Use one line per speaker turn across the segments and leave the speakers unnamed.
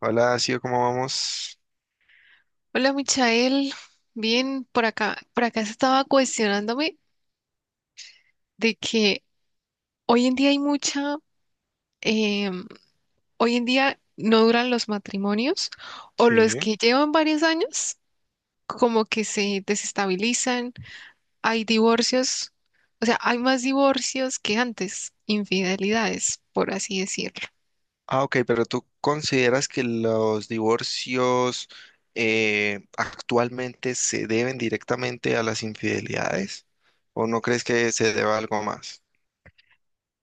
Hola, Sio, ¿cómo vamos?
Hola, Michael. Bien, por acá, se estaba cuestionándome de que hoy en día hay mucha, em, hoy en día no duran los matrimonios o los
Sí.
que llevan varios años como que se desestabilizan, hay divorcios, o sea, hay más divorcios que antes, infidelidades, por así decirlo.
Ah, ok, pero ¿tú consideras que los divorcios actualmente se deben directamente a las infidelidades? ¿O no crees que se deba a algo más?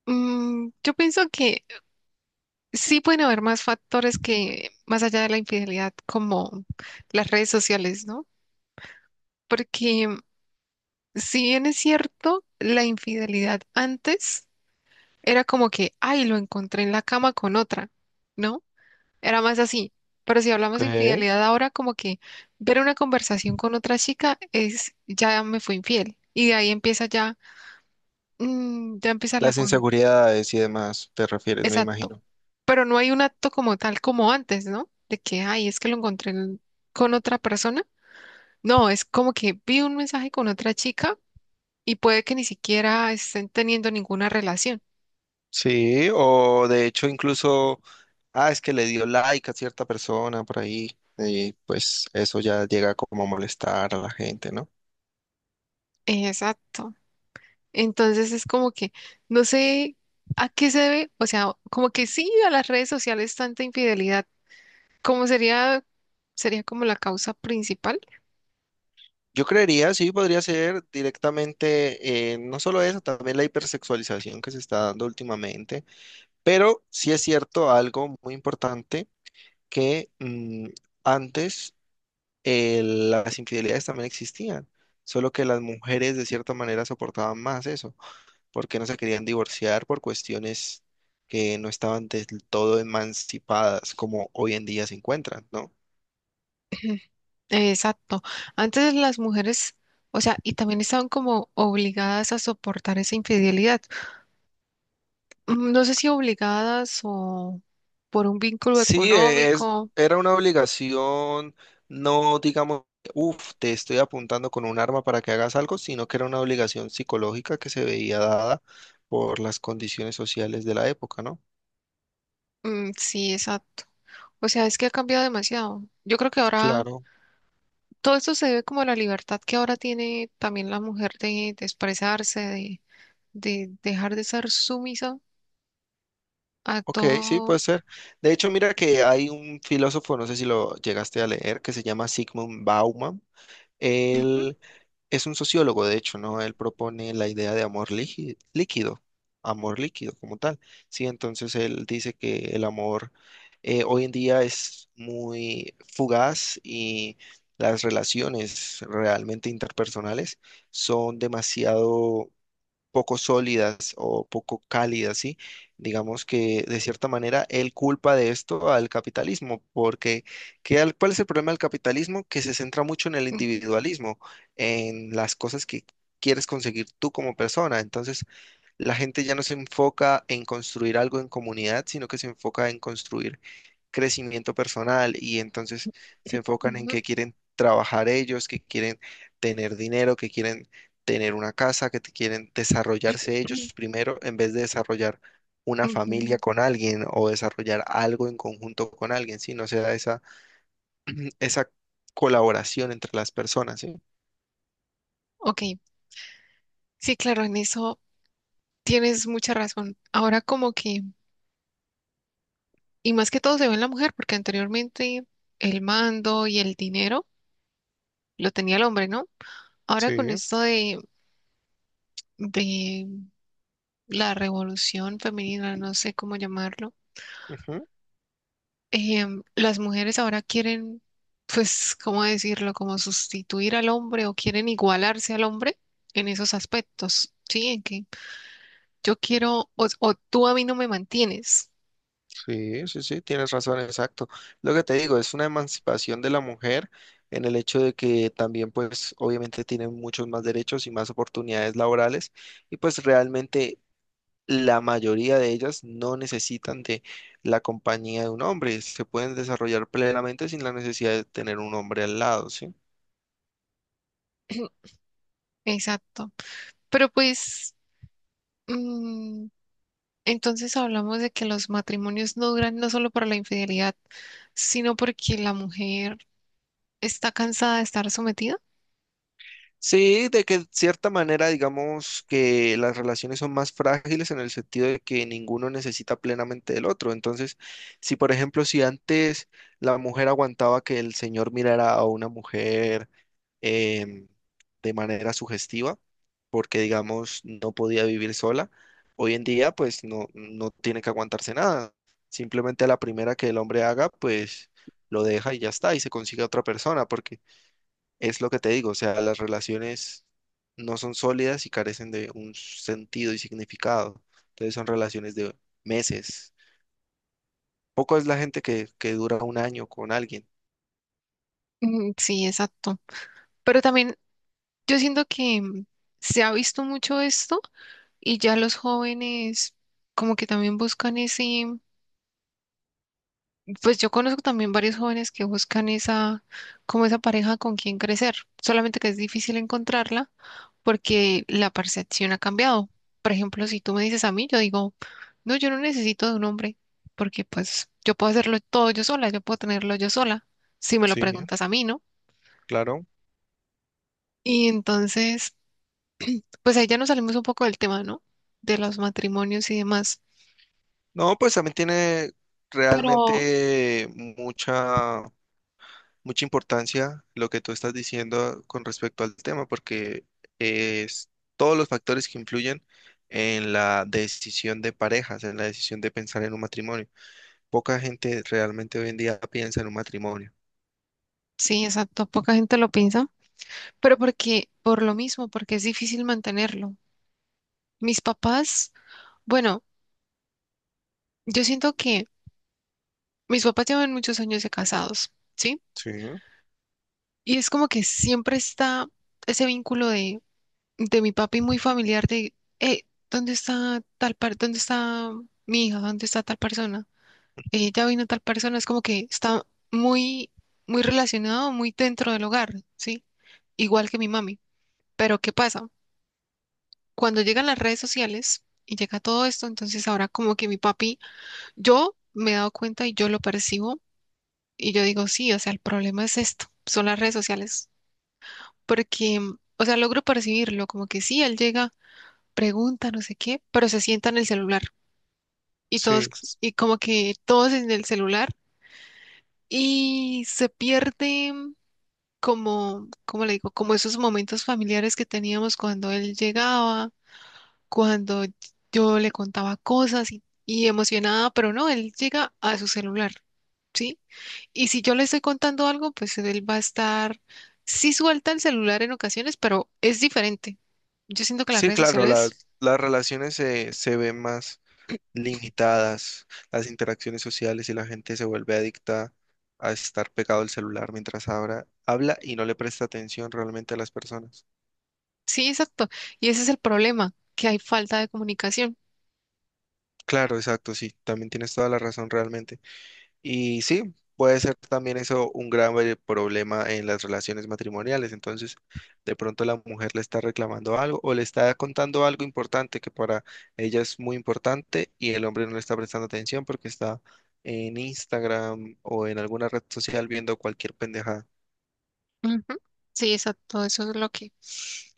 Yo pienso que sí pueden haber más factores que más allá de la infidelidad, como las redes sociales, ¿no? Porque si bien es cierto, la infidelidad antes era como que, ay, lo encontré en la cama con otra, ¿no? Era más así. Pero si hablamos de
Ok.
infidelidad ahora, como que ver una conversación con otra chica es, ya me fue infiel. Y de ahí empieza ya, ya empieza la
Las inseguridades y demás, te refieres, me
Exacto.
imagino.
Pero no hay un acto como tal como antes, ¿no? De que, ay, es que con otra persona. No, es como que vi un mensaje con otra chica y puede que ni siquiera estén teniendo ninguna relación.
Sí. O de hecho incluso, ah, es que le dio like a cierta persona por ahí, y pues eso ya llega como a molestar a la gente, ¿no?
Exacto. Entonces es como que no sé a qué se debe, o sea, como que sí, a las redes sociales tanta infidelidad, como sería, sería como la causa principal.
Yo creería, sí, podría ser directamente, no solo eso, también la hipersexualización que se está dando últimamente, pero sí es cierto algo muy importante que antes las infidelidades también existían, solo que las mujeres de cierta manera soportaban más eso, porque no se querían divorciar por cuestiones que no estaban del todo emancipadas como hoy en día se encuentran, ¿no?
Exacto. Antes las mujeres, o sea, y también estaban como obligadas a soportar esa infidelidad. No sé si obligadas o por un vínculo
Sí,
económico.
era una obligación, no digamos, uff, te estoy apuntando con un arma para que hagas algo, sino que era una obligación psicológica que se veía dada por las condiciones sociales de la época, ¿no?
Sí, exacto. O sea, es que ha cambiado demasiado. Yo creo que ahora
Claro.
todo esto se debe como a la libertad que ahora tiene también la mujer de expresarse, de dejar de ser sumisa a
Ok, sí, puede
todo.
ser. De hecho, mira que hay un filósofo, no sé si lo llegaste a leer, que se llama Sigmund Bauman.
Ujú,
Él es un sociólogo, de hecho, ¿no? Él propone la idea de amor líquido, amor líquido como tal. Sí, entonces él dice que el amor hoy en día es muy fugaz, y las relaciones realmente interpersonales son demasiado poco sólidas o poco cálidas, ¿sí? Digamos que de cierta manera él culpa de esto al capitalismo, porque ¿cuál es el problema del capitalismo? Que se centra mucho en el individualismo, en las cosas que quieres conseguir tú como persona. Entonces, la gente ya no se enfoca en construir algo en comunidad, sino que se enfoca en construir crecimiento personal, y entonces se enfocan en
ujú,
que quieren trabajar ellos, que quieren tener dinero, que quieren tener una casa, quieren desarrollarse
ujú,
ellos primero en vez de desarrollar una familia
ujú.
con alguien o desarrollar algo en conjunto con alguien, ¿sí? No se da esa, esa colaboración entre las personas, ¿sí?
Ok, sí, claro, en eso tienes mucha razón. Ahora como que, y más que todo se ve en la mujer, porque anteriormente el mando y el dinero lo tenía el hombre, ¿no? Ahora con
Sí.
esto de la revolución femenina, no sé cómo llamarlo.
Ujú.
Las mujeres ahora quieren, pues, ¿cómo decirlo? Como sustituir al hombre o quieren igualarse al hombre en esos aspectos, ¿sí? En que yo quiero o tú a mí no me mantienes.
Sí, tienes razón, exacto. Lo que te digo, es una emancipación de la mujer en el hecho de que también, pues, obviamente tienen muchos más derechos y más oportunidades laborales, y pues realmente la mayoría de ellas no necesitan de la compañía de un hombre, se pueden desarrollar plenamente sin la necesidad de tener un hombre al lado, ¿sí?
Exacto. Pero pues, mm, entonces hablamos de que los matrimonios no duran no solo por la infidelidad, sino porque la mujer está cansada de estar sometida.
Sí, de que cierta manera digamos que las relaciones son más frágiles en el sentido de que ninguno necesita plenamente del otro. Entonces, si antes la mujer aguantaba que el señor mirara a una mujer em, de manera sugestiva, porque digamos no podía vivir sola, hoy en día pues no, no tiene que aguantarse nada. Simplemente a la primera que el hombre haga, pues lo deja y ya está, y se consigue a otra persona, porque es lo que te digo, o sea, las relaciones no son sólidas y carecen de un sentido y significado. Entonces son relaciones de meses. Poco es la gente que dura un año con alguien.
Sí, exacto. Pero también yo siento que se ha visto mucho esto. Y ya los jóvenes como que también buscan ese, pues yo conozco también varios jóvenes que buscan esa, como esa pareja con quien crecer, solamente que es difícil encontrarla porque la percepción ha cambiado. Por ejemplo, si tú me dices a mí, yo digo, no, yo no necesito de un hombre porque pues yo puedo hacerlo todo yo sola, yo puedo tenerlo yo sola, si me lo
Sí,
preguntas a mí, ¿no?
claro.
Y entonces, pues ahí ya nos salimos un poco del tema, ¿no? De los matrimonios y demás.
No, pues también tiene
Pero
realmente mucha importancia lo que tú estás diciendo con respecto al tema, porque es todos los factores que influyen en la decisión de parejas, en la decisión de pensar en un matrimonio. Poca gente realmente hoy en día piensa en un matrimonio.
sí, exacto, poca gente lo piensa. Pero porque, por lo mismo, porque es difícil mantenerlo. Mis papás, bueno, yo siento que mis papás llevan muchos años de casados, ¿sí?
Sí,
Y es como que siempre está ese vínculo de mi papi muy familiar de, eh, ¿dónde está tal par, dónde está mi hija? ¿Dónde está tal persona? Ya vino tal persona, es como que está muy, muy relacionado, muy dentro del hogar, ¿sí? Igual que mi mami. Pero ¿qué pasa? Cuando llegan las redes sociales y llega todo esto, entonces ahora como que mi papi, yo me he dado cuenta y yo lo percibo y yo digo, sí, o sea, el problema es esto, son las redes sociales, porque, o sea, logro percibirlo, como que sí, él llega, pregunta, no sé qué, pero se sienta en el celular y todos,
sí,
y como que todos en el celular y se pierde como, ¿cómo le digo? Como esos momentos familiares que teníamos cuando él llegaba, cuando yo le contaba cosas y emocionada, pero no, él llega a su celular, ¿sí? Y si yo le estoy contando algo, pues él va a estar, sí suelta el celular en ocasiones, pero es diferente. Yo siento que las
sí,
redes
claro,
sociales,
las relaciones se ven más limitadas, las interacciones sociales, y la gente se vuelve adicta a estar pegado al celular mientras ahora habla y no le presta atención realmente a las personas.
sí, exacto. Y ese es el problema, que hay falta de comunicación.
Claro, exacto, sí, también tienes toda la razón realmente. Y sí, puede ser también eso un grave problema en las relaciones matrimoniales. Entonces, de pronto la mujer le está reclamando algo o le está contando algo importante que para ella es muy importante, y el hombre no le está prestando atención porque está en Instagram o en alguna red social viendo cualquier pendejada.
Ujú. Sí, exacto, eso es lo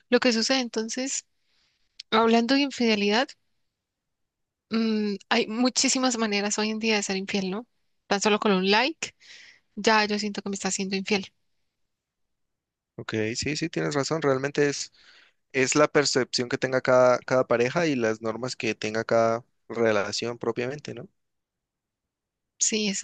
lo que sucede. Entonces, hablando de infidelidad, hay muchísimas maneras hoy en día de ser infiel, ¿no? Tan solo con un like. Ya yo siento que me está siendo infiel.
Ok, sí, sí, tienes razón. Realmente es la percepción que tenga cada pareja y las normas que tenga cada relación propiamente, ¿no?
Sí, es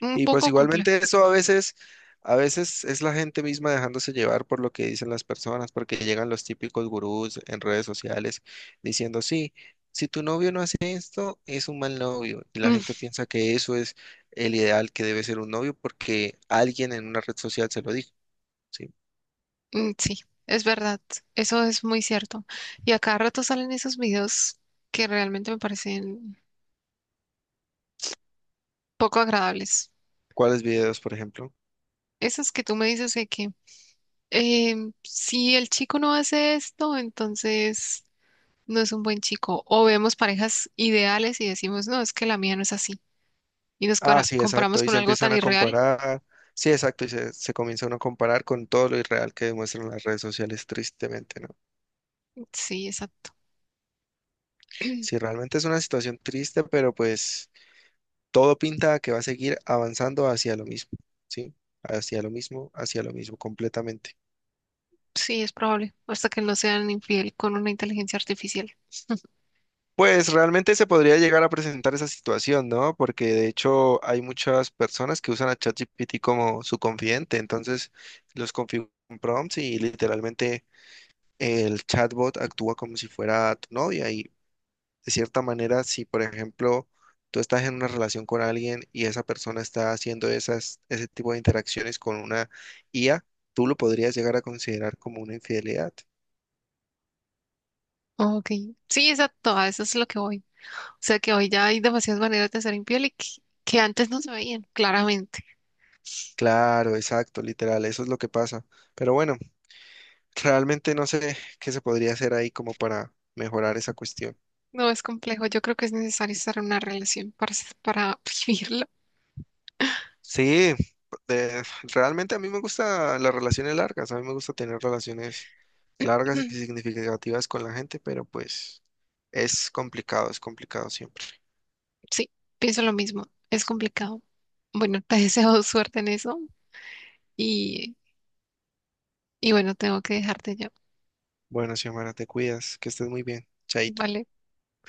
un
Y pues
poco complejo.
igualmente eso a veces es la gente misma dejándose llevar por lo que dicen las personas, porque llegan los típicos gurús en redes sociales diciendo, sí, si tu novio no hace esto, es un mal novio. Y la
Mm,
gente piensa que eso es el ideal que debe ser un novio porque alguien en una red social se lo dijo, ¿sí?
sí, es verdad. Eso es muy cierto. Y a cada rato salen esos videos que realmente me parecen poco agradables.
¿Cuáles videos, por ejemplo?
Esos que tú me dices de que si el chico no hace esto, entonces no es un buen chico. O vemos parejas ideales y decimos, no, es que la mía no es así. Y nos
Ah, sí,
comparamos
exacto. Y
con
se
algo
empiezan
tan
a
irreal.
comparar. Sí, exacto. Y se comienza uno a comparar con todo lo irreal que demuestran las redes sociales, tristemente, ¿no?
Sí, exacto.
Sí, realmente es una situación triste, pero pues todo pinta a que va a seguir avanzando hacia lo mismo, ¿sí? Hacia lo mismo, completamente.
Sí, es probable. Hasta que no sean infiel con una inteligencia artificial.
Pues realmente se podría llegar a presentar esa situación, ¿no? Porque de hecho hay muchas personas que usan a ChatGPT como su confidente, entonces los configuran prompts y literalmente el chatbot actúa como si fuera tu novia, y de cierta manera, si por ejemplo tú estás en una relación con alguien y esa persona está haciendo ese tipo de interacciones con una IA, tú lo podrías llegar a considerar como una infidelidad.
Ok, sí, exacto, a eso es lo que voy. O sea que hoy ya hay demasiadas maneras de ser infiel que antes no se veían, claramente.
Claro, exacto, literal, eso es lo que pasa. Pero bueno, realmente no sé qué se podría hacer ahí como para mejorar esa cuestión.
No es complejo, yo creo que es necesario estar en una relación para, para vivirlo.
Sí, de- realmente a mí me gustan las relaciones largas, a mí me gusta tener relaciones largas y significativas con la gente, pero pues es complicado siempre.
Sí, pienso lo mismo, es complicado. Bueno, te deseo suerte en eso y, y bueno, tengo que dejarte ya.
Bueno, Xiomara, te cuidas, que estés muy bien. Chaito.
Vale.